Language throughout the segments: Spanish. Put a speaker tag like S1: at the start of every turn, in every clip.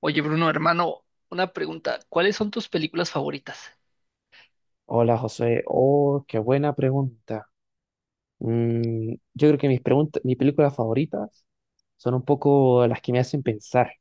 S1: Oye, Bruno, hermano, una pregunta. ¿Cuáles son tus películas favoritas?
S2: Hola José, oh, qué buena pregunta. Yo creo que mis películas favoritas son un poco las que me hacen pensar.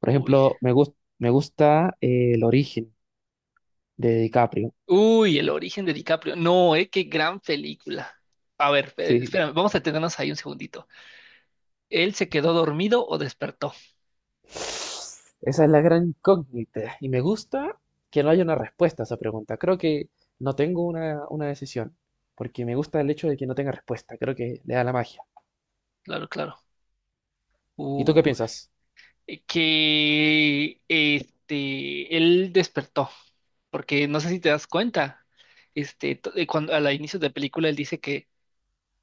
S2: Por
S1: Uy.
S2: ejemplo, me gusta El origen de DiCaprio.
S1: Uy, El origen de DiCaprio. No, qué gran película. A ver,
S2: Sí.
S1: espérame, vamos a detenernos ahí un segundito. ¿Él se quedó dormido o despertó?
S2: Esa es la gran incógnita. Y me gusta que no haya una respuesta a esa pregunta. Creo que no tengo una decisión, porque me gusta el hecho de que no tenga respuesta. Creo que le da la magia.
S1: Claro, claro.
S2: ¿Y tú qué
S1: Uy,
S2: piensas?
S1: él despertó, porque no sé si te das cuenta. Cuando al inicio de la película él dice que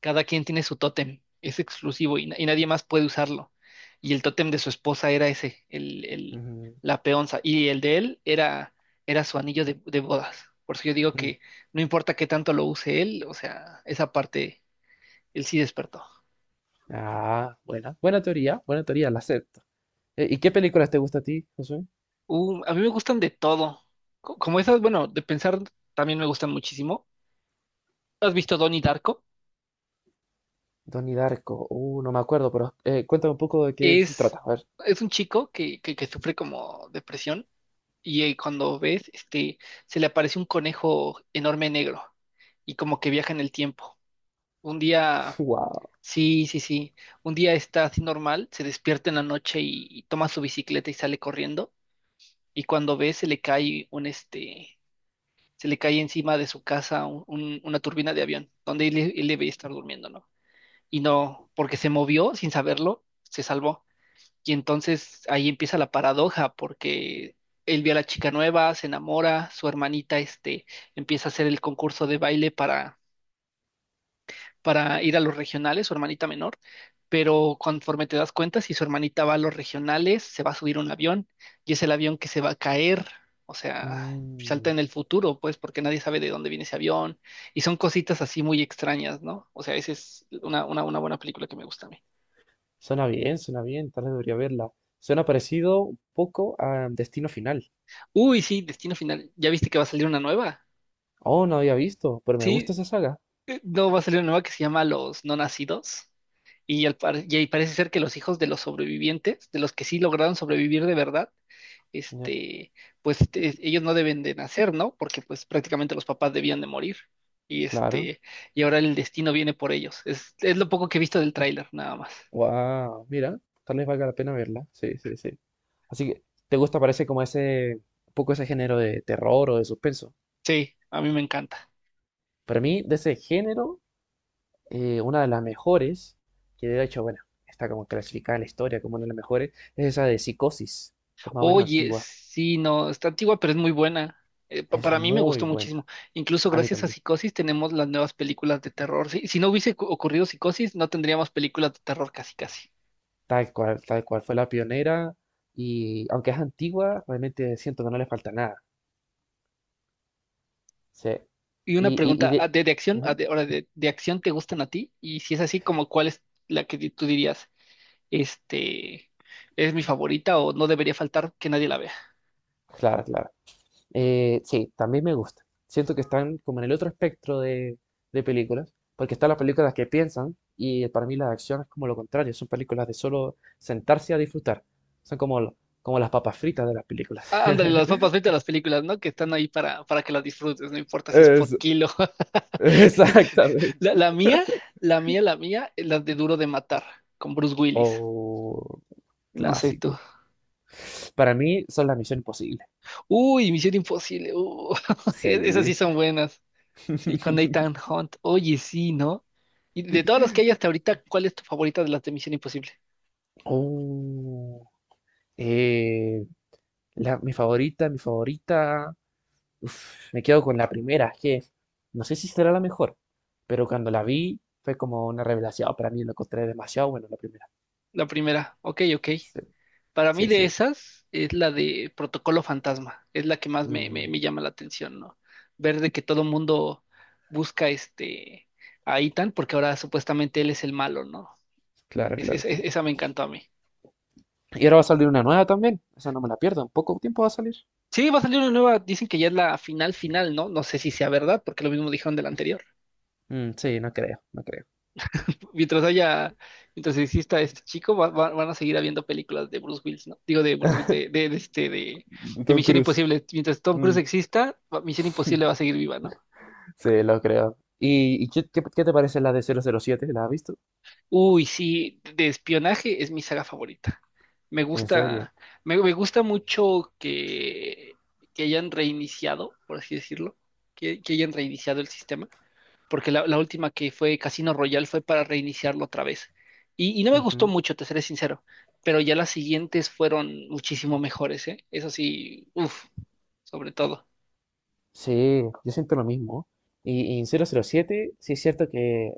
S1: cada quien tiene su tótem, es exclusivo y, y nadie más puede usarlo. Y el tótem de su esposa era ese, el
S2: Ujú.
S1: la peonza, y el de él era, era su anillo de bodas. Por eso yo digo
S2: Mm.
S1: que no importa qué tanto lo use él, o sea, esa parte, él sí despertó.
S2: Ah, buena, buena teoría, la sé. ¿Y qué películas te gusta a ti, Josué?
S1: A mí me gustan de todo. Como esas, bueno, de pensar también me gustan muchísimo. ¿Has visto Donnie Darko?
S2: Donnie Darko. No me acuerdo, pero cuéntame un poco de qué se
S1: Es,
S2: trata. A ver.
S1: es un chico que sufre como depresión y cuando ves, se le aparece un conejo enorme negro y como que viaja en el tiempo. Un día,
S2: Wow.
S1: sí, sí, sí, un día está así normal, se despierta en la noche y toma su bicicleta y sale corriendo y cuando ve se le cae un, se le cae encima de su casa una turbina de avión donde él debe estar durmiendo, ¿no? Y no, porque se movió sin saberlo, se salvó. Y entonces ahí empieza la paradoja, porque él ve a la chica nueva, se enamora, su hermanita empieza a hacer el concurso de baile para ir a los regionales, su hermanita menor, pero conforme te das cuenta, si su hermanita va a los regionales, se va a subir un avión y es el avión que se va a caer, o sea, salta
S2: Mm,
S1: en el futuro, pues, porque nadie sabe de dónde viene ese avión y son cositas así muy extrañas, ¿no? O sea, esa es una, una buena película que me gusta a mí.
S2: suena bien, suena bien. Tal vez debería verla. Suena parecido un poco a Destino Final.
S1: Uy, sí, Destino Final, ¿ya viste que va a salir una nueva?
S2: Oh, no había visto, pero me gusta
S1: Sí,
S2: esa saga.
S1: no va a salir una nueva que se llama Los No Nacidos. Y, y ahí parece ser que los hijos de los sobrevivientes, de los que sí lograron sobrevivir de verdad,
S2: Ya,
S1: este, pues ellos no deben de nacer, ¿no? Porque pues prácticamente los papás debían de morir. Y
S2: claro.
S1: este, y ahora el destino viene por ellos. Es lo poco que he visto del tráiler, nada más.
S2: Wow. Mira, tal vez valga la pena verla. Sí, sí, sí. Así que, ¿te gusta? Parece como ese, un poco ese género de terror o de suspenso.
S1: Sí, a mí me encanta.
S2: Para mí, de ese género una de las mejores, que de hecho, bueno, está como clasificada en la historia como una de las mejores, es esa de Psicosis, que es más o menos
S1: Oye,
S2: antigua.
S1: sí, no, está antigua, pero es muy buena.
S2: Es
S1: Para mí me
S2: muy
S1: gustó muchísimo.
S2: buena.
S1: Incluso
S2: A mí
S1: gracias a
S2: también.
S1: Psicosis tenemos las nuevas películas de terror. Si, si no hubiese ocurrido Psicosis, no tendríamos películas de terror casi casi.
S2: Tal cual fue la pionera. Y aunque es antigua, realmente siento que no le falta nada. Sí.
S1: Y una
S2: Y
S1: pregunta, ah,
S2: de...
S1: de acción? Ah,
S2: Ujú.
S1: ahora, de, ¿de acción te gustan a ti? Y si es así, ¿como cuál es la que tú dirías, este, es mi favorita o no debería faltar que nadie la vea?
S2: Claro, claro. Sí, también me gusta. Siento que están como en el otro espectro de películas, porque están las películas que piensan y para mí las de acción es como lo contrario, son películas de solo sentarse a disfrutar. Son como las papas fritas de las películas.
S1: Ah, ándale, las papas, vete a las películas, ¿no? Que están ahí para que las disfrutes, no importa si es por
S2: Es-
S1: kilo.
S2: exactamente.
S1: La mía, la mía, la mía, la de Duro de Matar, con Bruce Willis.
S2: O
S1: No sé
S2: clásico.
S1: tú.
S2: Para mí son las Misión Imposible.
S1: Uy, Misión Imposible. Esas sí
S2: Sí.
S1: son buenas. Sí, con Nathan Hunt. Oye, sí, ¿no? Y de todas las que hay hasta ahorita, ¿cuál es tu favorita de las de Misión Imposible?
S2: Oh. eh, la, mi favorita, mi favorita. Uf, me quedo con la primera, es que no sé si será la mejor, pero cuando la vi fue como una revelación oh, para mí, lo encontré demasiado bueno la primera.
S1: La primera. Ok, ok.
S2: Sí.
S1: Para mí
S2: Sí,
S1: de
S2: sí.
S1: esas es la de Protocolo Fantasma. Es la que más
S2: Mm.
S1: me llama la atención, ¿no? Ver de que todo el mundo busca a Ethan porque ahora supuestamente él es el malo, ¿no?
S2: Claro, claro, claro.
S1: Esa me encantó a mí.
S2: Y ahora va a salir una nueva también, esa no me la pierdo, en poco tiempo va a salir.
S1: Sí, va a salir una nueva, dicen que ya es la final final, ¿no? No sé si sea verdad, porque lo mismo dijeron del anterior.
S2: Mm, sí, no creo, no creo.
S1: Mientras haya, mientras exista este chico, van a seguir habiendo películas de Bruce Willis, ¿no? Digo, de Bruce Willis, de
S2: Tom
S1: Misión
S2: Cruise.
S1: Imposible. Mientras Tom Cruise
S2: Mm.
S1: exista, Misión Imposible va a seguir viva, ¿no?
S2: Sí, lo creo. ¿Y qué te parece la de 007? ¿La has visto?
S1: Uy, sí, de espionaje es mi saga favorita. Me
S2: ¿En serio?
S1: gusta, me gusta mucho que hayan reiniciado, por así decirlo, que hayan reiniciado el sistema porque la última que fue Casino Royale fue para reiniciarlo otra vez. Y no me gustó mucho, te seré sincero, pero ya las siguientes fueron muchísimo mejores, ¿eh? Eso sí, uff, sobre todo.
S2: Sí, yo siento lo mismo. Y en 007 sí es cierto que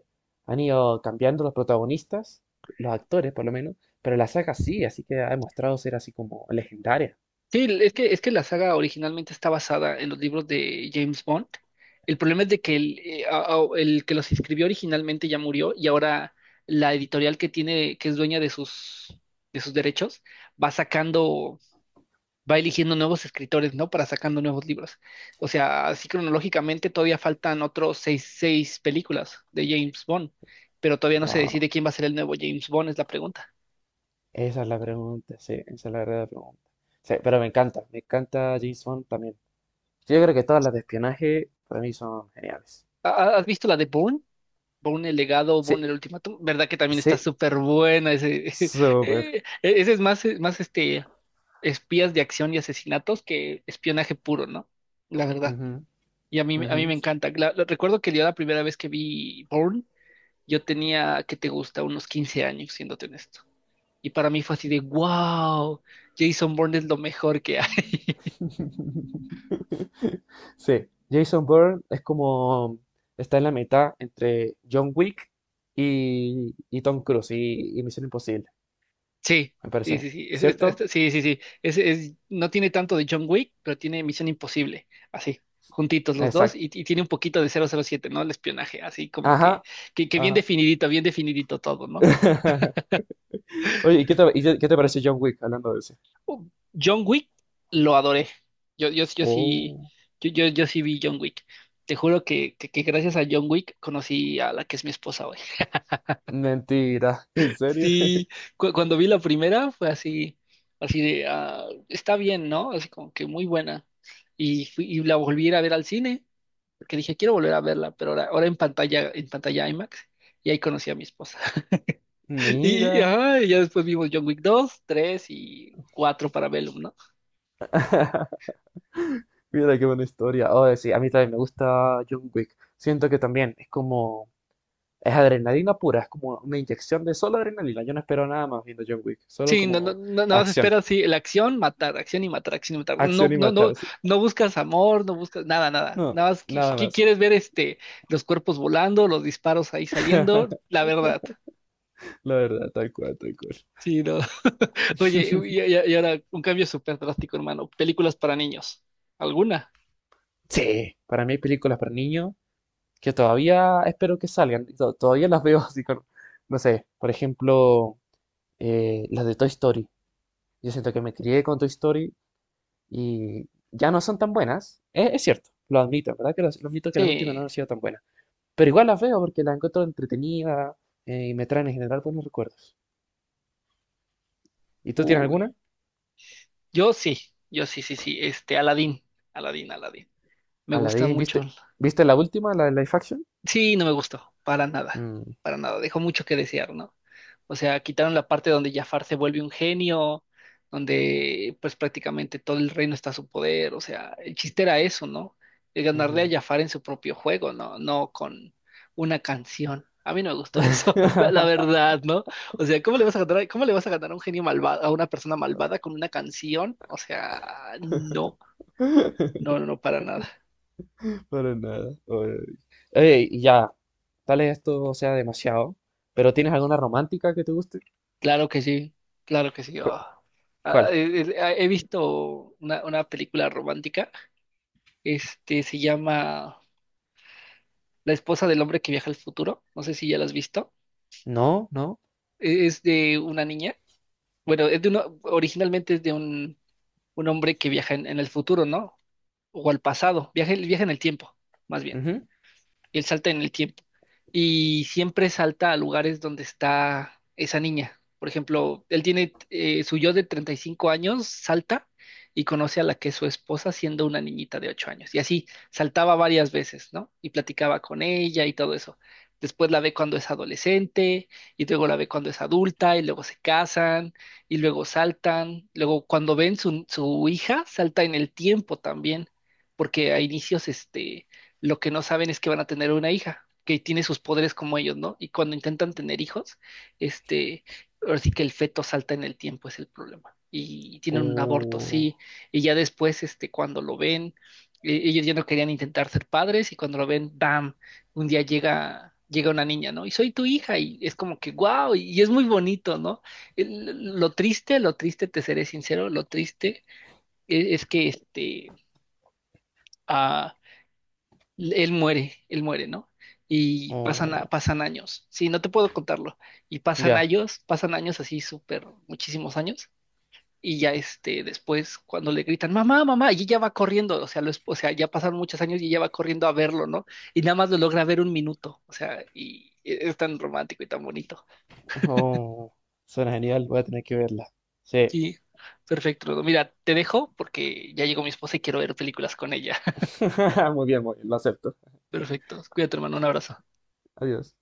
S2: han ido cambiando los protagonistas, los actores por lo menos, pero la saga sí, así que ha demostrado ser así como legendaria.
S1: Sí, es que la saga originalmente está basada en los libros de James Bond. El problema es de que el, el que los escribió originalmente ya murió y ahora la editorial que tiene, que es dueña de sus derechos, va sacando va eligiendo nuevos escritores, ¿no? Para sacando nuevos libros. O sea, así cronológicamente todavía faltan otros seis, seis películas de James Bond, pero todavía no se decide
S2: Wow,
S1: quién va a ser el nuevo James Bond, es la pregunta.
S2: esa es la pregunta, sí, esa es la verdadera pregunta. Sí, pero me encanta James Bond también. Sí, yo creo que todas las de espionaje para mí son geniales.
S1: ¿Has visto la de Bourne? Bourne el legado, Bourne
S2: Sí,
S1: el ultimátum, ¿verdad que también está
S2: sí,
S1: súper buena? Ese,
S2: súper.
S1: ese es más, espías de acción y asesinatos que espionaje puro, ¿no? La verdad.
S2: Ujú,
S1: Y a
S2: ujú.
S1: mí me encanta. Recuerdo que yo la primera vez que vi Bourne, yo tenía, ¿qué te gusta? Unos 15 años, siéndote honesto. Y para mí fue así de, wow, Jason Bourne es lo mejor que hay.
S2: Sí, Jason Bourne es como está en la mitad entre John Wick y Tom Cruise y Misión Imposible,
S1: Sí,
S2: me parece a
S1: sí,
S2: mí.
S1: sí, sí,
S2: ¿Cierto?
S1: sí, sí, sí. Es, no tiene tanto de John Wick, pero tiene Misión Imposible, así, juntitos los dos,
S2: Exacto.
S1: y tiene un poquito de 007, ¿no? El espionaje, así como que,
S2: Ajá,
S1: que
S2: ajá.
S1: bien definidito todo, ¿no?
S2: Oye, qué te parece John Wick hablando de eso?
S1: Uh, John Wick lo adoré. Yo sí,
S2: Oh,
S1: yo sí vi John Wick. Te juro que, que gracias a John Wick conocí a la que es mi esposa hoy.
S2: mentira, ¿en serio?
S1: Sí, cuando vi la primera fue así, así de, ah, está bien, ¿no? Así como que muy buena. Y, y la volví a ir a ver al cine, porque dije, quiero volver a verla, pero ahora, ahora en pantalla IMAX, y ahí conocí a mi esposa. Y, y,
S2: Mira,
S1: ajá, y ya después vimos John Wick 2, 3 y 4 para Vellum, ¿no?
S2: mira qué buena historia. Oh, sí, a mí también me gusta John Wick. Siento que también es como. Es adrenalina pura, es como una inyección de solo adrenalina. Yo no espero nada más viendo John Wick, solo
S1: Sí, no, no,
S2: como
S1: no, nada más
S2: acción,
S1: esperas, sí, la acción, matar, acción y matar, acción y matar. No,
S2: acción y
S1: no, no,
S2: matarse.
S1: no buscas amor, no buscas nada, nada.
S2: No,
S1: Nada más
S2: nada más.
S1: quieres ver los cuerpos volando, los disparos ahí saliendo, la verdad.
S2: La verdad, tal cual, tal cual.
S1: Sí, no. Oye, y, y ahora un cambio súper drástico, hermano. Películas para niños. ¿Alguna?
S2: Sí, para mí hay películas para niños que todavía espero que salgan. Todavía las veo así con, no sé, por ejemplo, las de Toy Story. Yo siento que me crié con Toy Story y ya no son tan buenas. Es cierto, lo admito, ¿verdad? Lo admito que las últimas no
S1: Sí.
S2: han sido tan buenas. Pero igual las veo porque las encuentro entretenida y me traen en general buenos recuerdos. ¿Y tú tienes
S1: Uy,
S2: alguna?
S1: yo sí, yo sí, sí, sí. Este, Aladdin, Aladdin, Aladdin. Me gustan
S2: Aladdin,
S1: mucho.
S2: viste la última, la de Life Action?
S1: Sí, no me gustó,
S2: Mm,
S1: para nada, dejó mucho que desear, ¿no? O sea, quitaron la parte donde Jafar se vuelve un genio, donde pues prácticamente todo el reino está a su poder, o sea, el chiste era eso, ¿no? El ganarle a
S2: ujú.
S1: Jafar en su propio juego, ¿no? No con una canción. A mí no me gustó eso, la verdad, ¿no? O sea, ¿cómo le vas a ganar, cómo le vas a ganar a un genio malvado, a una persona malvada con una canción? O sea, no, no, no, no, para nada.
S2: Oye, y ya, tal vez esto sea demasiado, pero ¿tienes alguna romántica que te guste?
S1: Claro que sí, claro que sí.
S2: ¿Cu-
S1: Oh.
S2: ¿Cuál?
S1: He visto una película romántica, este se llama La esposa del hombre que viaja al futuro, no sé si ya la has visto,
S2: No, no.
S1: Es de una niña, bueno, es de uno, originalmente es de un hombre que viaja en el futuro, ¿no? O al pasado, viaja, viaja en el tiempo, más bien.
S2: Ujú.
S1: Y él salta en el tiempo. Y siempre salta a lugares donde está esa niña. Por ejemplo, él tiene su yo de 35 años, salta y conoce a la que es su esposa siendo una niñita de 8 años. Y así saltaba varias veces, ¿no? Y platicaba con ella y todo eso. Después la ve cuando es adolescente y luego la ve cuando es adulta y luego se casan y luego saltan. Luego cuando ven su, su hija, salta en el tiempo también, porque a inicios, lo que no saben es que van a tener una hija que tiene sus poderes como ellos, ¿no? Y cuando intentan tener hijos, este, ahora sí que el feto salta en el tiempo, es el problema. Y tienen un aborto,
S2: Uh,
S1: sí. Y ya después, cuando lo ven, ellos ya no querían intentar ser padres y cuando lo ven, ¡bam! Un día llega, llega una niña, ¿no? Y soy tu hija y es como que, wow, y es muy bonito, ¿no? Lo triste, te seré sincero, lo triste es que, ah, él muere, ¿no? Y pasan,
S2: oh,
S1: pasan años. Sí, no te puedo contarlo. Y
S2: ya.
S1: pasan años así súper, muchísimos años. Y ya después, cuando le gritan, mamá, mamá, y ella va corriendo, o sea, o sea, ya pasaron muchos años y ella va corriendo a verlo, ¿no? Y nada más lo logra ver un minuto, o sea, es tan romántico y tan bonito.
S2: Oh, suena genial, voy a tener que verla. Sí.
S1: Sí, perfecto. Rodo. Mira, te dejo porque ya llegó mi esposa y quiero ver películas con ella.
S2: Muy bien, lo acepto.
S1: Perfecto. Cuídate, hermano, un abrazo.
S2: Adiós.